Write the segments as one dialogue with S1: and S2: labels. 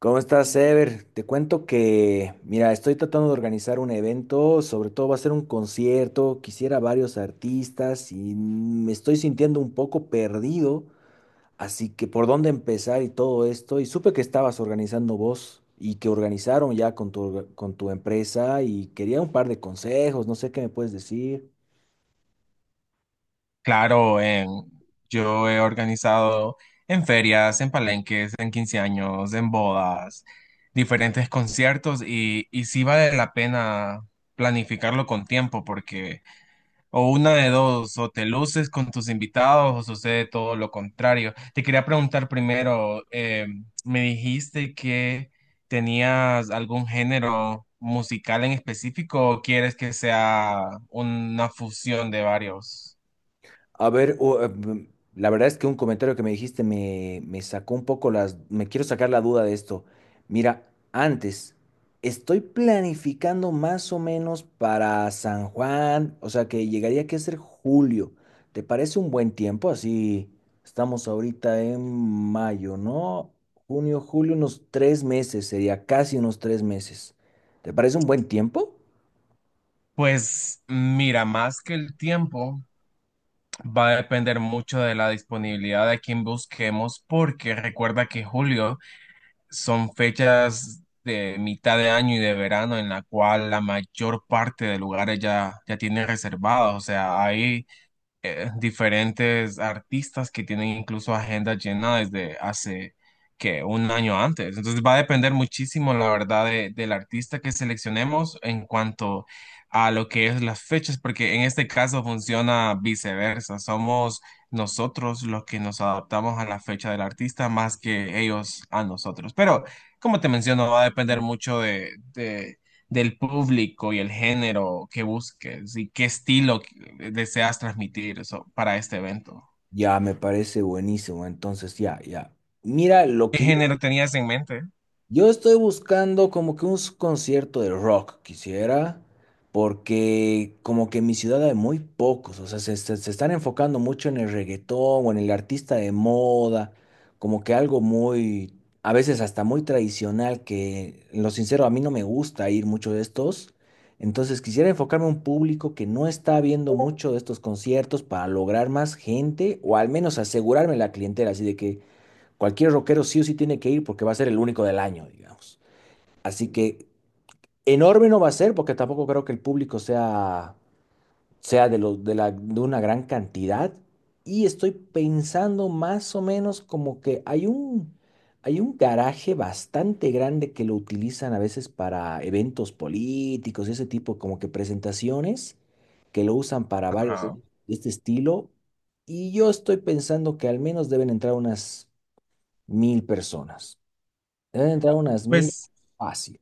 S1: ¿Cómo estás, Ever? Te cuento que, mira, estoy tratando de organizar un evento, sobre todo va a ser un concierto, quisiera varios artistas y me estoy sintiendo un poco perdido, así que por dónde empezar y todo esto, y supe que estabas organizando vos y que organizaron ya con tu empresa y quería un par de consejos, no sé qué me puedes decir.
S2: Claro, yo he organizado en ferias, en palenques, en 15 años, en bodas, diferentes conciertos y sí vale la pena planificarlo con tiempo porque o una de dos, o te luces con tus invitados o sucede todo lo contrario. Te quería preguntar primero, me dijiste que tenías algún género musical en específico o quieres que sea una fusión de varios?
S1: A ver, la verdad es que un comentario que me dijiste me sacó un poco las. Me quiero sacar la duda de esto. Mira, antes, estoy planificando más o menos para San Juan, o sea que llegaría que ser julio. ¿Te parece un buen tiempo? Así estamos ahorita en mayo, ¿no? Junio, julio, unos 3 meses, sería casi unos 3 meses. ¿Te parece un buen tiempo?
S2: Pues mira, más que el tiempo va a depender mucho de la disponibilidad de quien busquemos, porque recuerda que julio son fechas de mitad de año y de verano en la cual la mayor parte de lugares ya tienen reservados, o sea, hay diferentes artistas que tienen incluso agenda llena desde hace que un año antes. Entonces va a depender muchísimo, la verdad, del artista que seleccionemos en cuanto a lo que es las fechas, porque en este caso funciona viceversa. Somos nosotros los que nos adaptamos a la fecha del artista más que ellos a nosotros. Pero como te menciono, va a depender mucho de del público y el género que busques y qué estilo deseas transmitir eso, para este evento.
S1: Ya, me parece buenísimo. Entonces, ya, ya. Mira, lo
S2: ¿Qué
S1: que
S2: género tenías en mente?
S1: Yo estoy buscando como que un concierto de rock, quisiera, porque como que en mi ciudad hay muy pocos, o sea, se están enfocando mucho en el reggaetón o en el artista de moda, como que algo muy, a veces hasta muy tradicional, que en lo sincero a mí no me gusta ir mucho de estos, entonces quisiera enfocarme a un público que no está viendo mucho de estos conciertos para lograr más gente o al menos asegurarme la clientela, así de que. Cualquier rockero sí o sí tiene que ir porque va a ser el único del año, digamos. Así que enorme no va a ser porque tampoco creo que el público sea de, los de, la, de una gran cantidad. Y estoy pensando más o menos como que hay un garaje bastante grande que lo utilizan a veces para eventos políticos y ese tipo, como que presentaciones que lo usan para varios de
S2: Ajá.
S1: este estilo. Y yo estoy pensando que al menos deben entrar unas 1000 personas. Deben entrar unas mil
S2: Pues,
S1: fácil.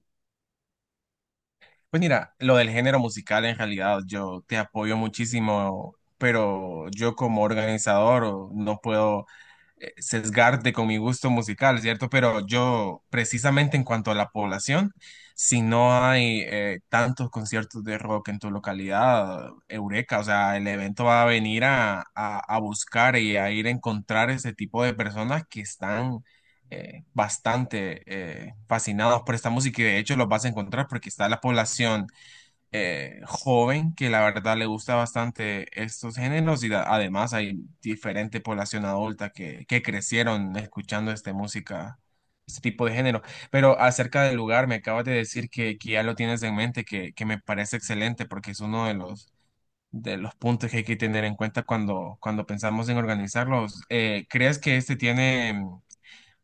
S2: pues mira, lo del género musical en realidad yo te apoyo muchísimo, pero yo como organizador no puedo sesgarte con mi gusto musical, ¿cierto? Pero yo, precisamente en cuanto a la población, si no hay tantos conciertos de rock en tu localidad, eureka, o sea, el evento va a venir a buscar y a ir a encontrar ese tipo de personas que están bastante fascinados por esta música y de hecho los vas a encontrar porque está la población joven que la verdad le gusta bastante estos géneros y además hay diferente población adulta que crecieron escuchando esta música, este tipo de género. Pero acerca del lugar, me acabas de decir que ya lo tienes en mente, que me parece excelente porque es uno de los puntos que hay que tener en cuenta cuando pensamos en organizarlos. ¿Crees que este tiene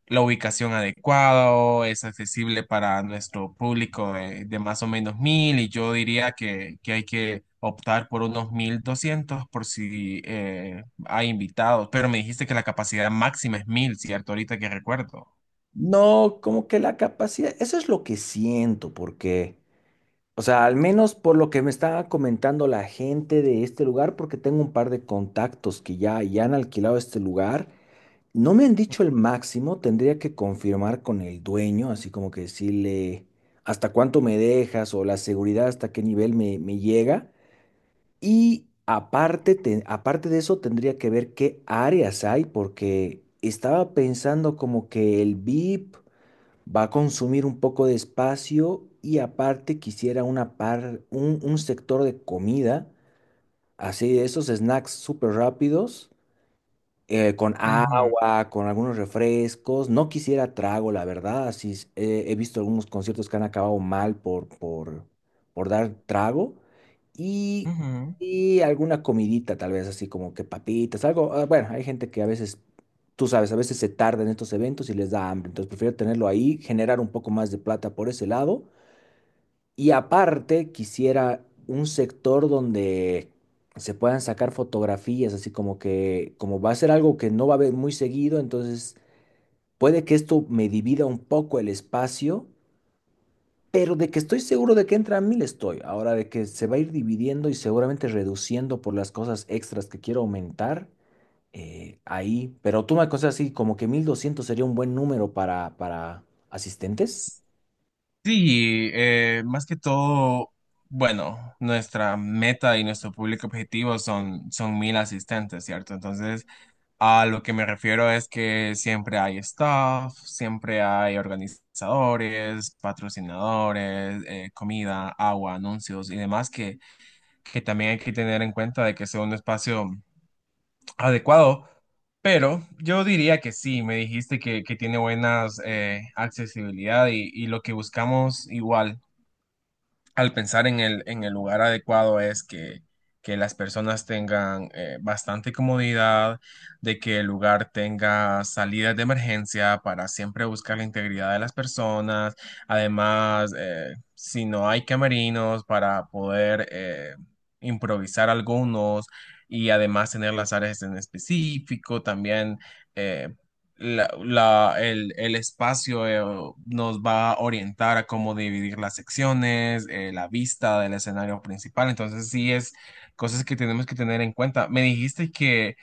S2: la ubicación adecuada o es accesible para nuestro público de más o menos 1000 y yo diría que hay que optar por unos 1200 por si hay invitados, pero me dijiste que la capacidad máxima es 1000, ¿cierto? Ahorita que recuerdo.
S1: No, como que la capacidad, eso es lo que siento, porque, o sea, al menos por lo que me estaba comentando la gente de este lugar, porque tengo un par de contactos que ya han alquilado este lugar, no me han dicho el máximo, tendría que confirmar con el dueño, así como que decirle hasta cuánto me dejas o la seguridad, hasta qué nivel me llega. Y aparte, aparte de eso, tendría que ver qué áreas hay, porque estaba pensando como que el VIP va a consumir un poco de espacio y aparte quisiera un sector de comida, así de esos snacks súper rápidos con
S2: Ujú,
S1: agua, con algunos refrescos. No quisiera trago, la verdad. Así es, he visto algunos conciertos que han acabado mal por dar trago. Y,
S2: ujú.
S1: y alguna comidita, tal vez, así como que papitas, algo. Bueno, hay gente que a veces, tú sabes, a veces se tarda en estos eventos y les da hambre. Entonces prefiero tenerlo ahí, generar un poco más de plata por ese lado y aparte, quisiera un sector donde se puedan sacar fotografías, así como que, como va a ser algo que no va a haber muy seguido, entonces puede que esto me divida un poco el espacio, pero de que estoy seguro de que entra a 1000 estoy. Ahora, de que se va a ir dividiendo y seguramente reduciendo por las cosas extras que quiero aumentar, ahí. Pero tú me aconsejas así, como que 1200 sería un buen número para asistentes.
S2: Sí, más que todo, bueno, nuestra meta y nuestro público objetivo son 1000 asistentes, ¿cierto? Entonces, a lo que me refiero es que siempre hay staff, siempre hay organizadores, patrocinadores, comida, agua, anuncios y demás que también hay que tener en cuenta de que sea un espacio adecuado. Pero yo diría que sí, me dijiste que tiene buenas accesibilidad y lo que buscamos igual al pensar en el lugar adecuado es que las personas tengan bastante comodidad, de que el lugar tenga salidas de emergencia para siempre buscar la integridad de las personas. Además, si no hay camerinos para poder improvisar algunos y además tener las áreas en específico, también eh, el espacio nos va a orientar a cómo dividir las secciones, la vista del escenario principal. Entonces, sí es cosas que tenemos que tener en cuenta. Me dijiste que,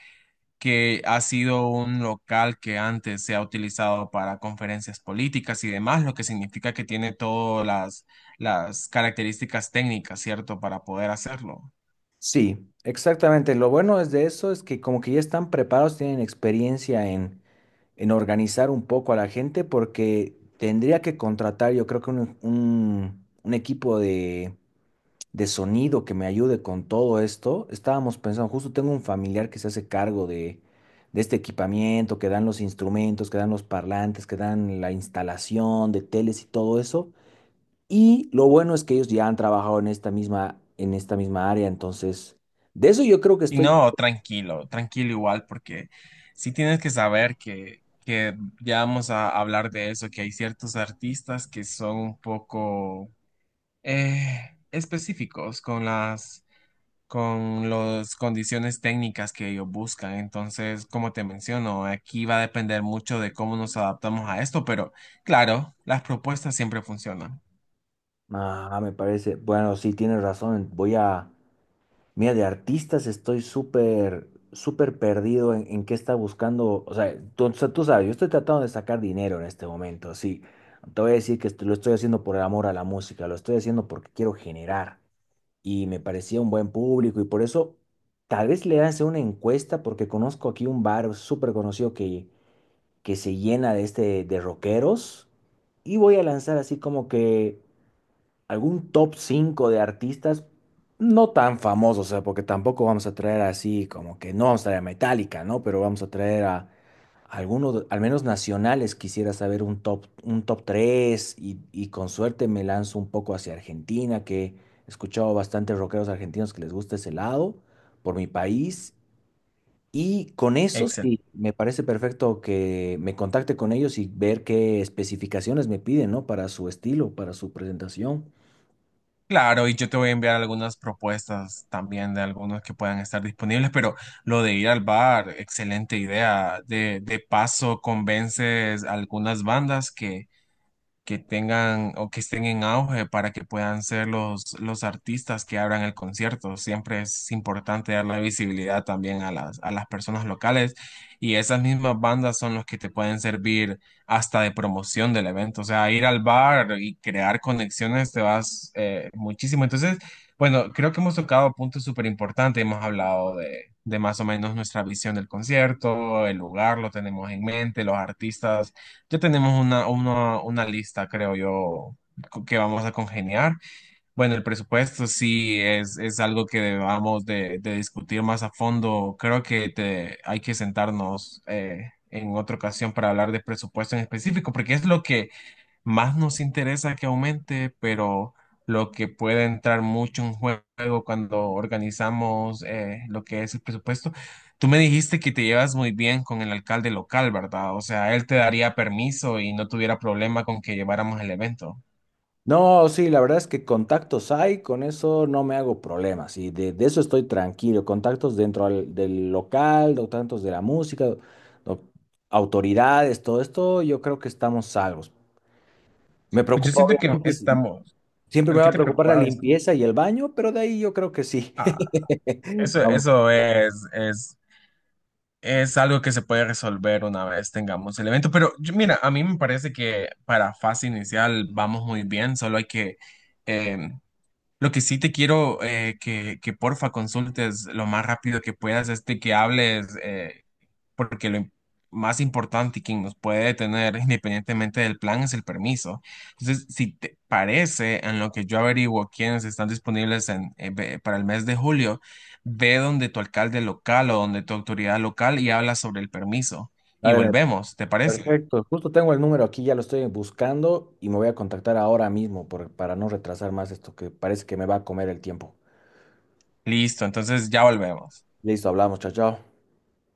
S2: que ha sido un local que antes se ha utilizado para conferencias políticas y demás, lo que significa que tiene todas las características técnicas, ¿cierto?, para poder hacerlo.
S1: Sí, exactamente. Lo bueno es de eso es que como que ya están preparados, tienen experiencia en organizar un poco a la gente porque tendría que contratar yo creo que un equipo de sonido que me ayude con todo esto. Estábamos pensando, justo tengo un familiar que se hace cargo de este equipamiento, que dan los instrumentos, que dan los parlantes, que dan la instalación de teles y todo eso. Y lo bueno es que ellos ya han trabajado en esta misma área, entonces, de eso yo creo que
S2: Y
S1: estoy.
S2: no, tranquilo, tranquilo igual, porque sí tienes que saber que ya vamos a hablar de eso, que hay ciertos artistas que son un poco específicos con con las condiciones técnicas que ellos buscan. Entonces, como te menciono, aquí va a depender mucho de cómo nos adaptamos a esto, pero claro, las propuestas siempre funcionan.
S1: Me parece, bueno, sí, tienes razón, voy a, mira, de artistas estoy súper, súper perdido en qué está buscando, o sea, tú sabes, yo estoy tratando de sacar dinero en este momento, sí, te voy a decir que esto- lo estoy haciendo por el amor a la música, lo estoy haciendo porque quiero generar, y me parecía un buen público, y por eso, tal vez le hace una encuesta, porque conozco aquí un bar súper conocido que se llena de este de rockeros y voy a lanzar así como que algún top 5 de artistas no tan famosos, o sea, porque tampoco vamos a traer así como que no vamos a traer a Metallica, ¿no? Pero vamos a traer a algunos, al menos nacionales, quisiera saber un top, 3 y con suerte me lanzo un poco hacia Argentina, que he escuchado bastantes rockeros argentinos que les gusta ese lado por mi país y con eso
S2: Excelente.
S1: sí, me parece perfecto que me contacte con ellos y ver qué especificaciones me piden, ¿no? Para su estilo, para su presentación.
S2: Claro, y yo te voy a enviar algunas propuestas también de algunos que puedan estar disponibles, pero lo de ir al bar, excelente idea. De paso, convences a algunas bandas que tengan o que estén en auge para que puedan ser los artistas que abran el concierto. Siempre es importante dar la visibilidad también a a las personas locales y esas mismas bandas son los que te pueden servir hasta de promoción del evento. O sea, ir al bar y crear conexiones te vas muchísimo. Entonces, bueno, creo que hemos tocado puntos súper importantes. Hemos hablado de más o menos nuestra visión del concierto, el lugar lo tenemos en mente, los artistas ya tenemos una lista, creo yo, que vamos a congeniar. Bueno, el presupuesto sí es algo que debamos de discutir más a fondo. Creo que te, hay que sentarnos en otra ocasión para hablar de presupuesto en específico, porque es lo que más nos interesa que aumente, pero lo que puede entrar mucho en juego cuando organizamos lo que es el presupuesto. Tú me dijiste que te llevas muy bien con el alcalde local, ¿verdad? O sea, él te daría permiso y no tuviera problema con que lleváramos el evento.
S1: No, sí, la verdad es que contactos hay, con eso no me hago problemas y de eso estoy tranquilo. Contactos dentro del local, contactos de la música, do- autoridades, todo esto, yo creo que estamos salvos. Me
S2: Pues yo
S1: preocupa,
S2: siento que
S1: obviamente,
S2: estamos.
S1: siempre
S2: ¿El
S1: me va
S2: que
S1: a
S2: te
S1: preocupar la
S2: preocupaba? Disculpa.
S1: limpieza y el baño, pero de ahí yo creo que sí.
S2: Ah, eso,
S1: Vamos,
S2: eso es algo que se puede resolver una vez tengamos el evento, pero mira, a mí me parece que para fase inicial vamos muy bien, solo hay que, eh, lo que sí te quiero que porfa consultes lo más rápido que puedas este que hables. Porque lo más importante y quien nos puede detener independientemente del plan es el permiso. Entonces, si te parece, en lo que yo averiguo quiénes están disponibles en, para el mes de julio, ve donde tu alcalde local o donde tu autoridad local y habla sobre el permiso. Y
S1: dale.
S2: volvemos, ¿te parece?
S1: Perfecto, justo tengo el número aquí, ya lo estoy buscando y me voy a contactar ahora mismo para no retrasar más esto que parece que me va a comer el tiempo.
S2: Listo, entonces ya volvemos.
S1: Listo, hablamos, chao, chao.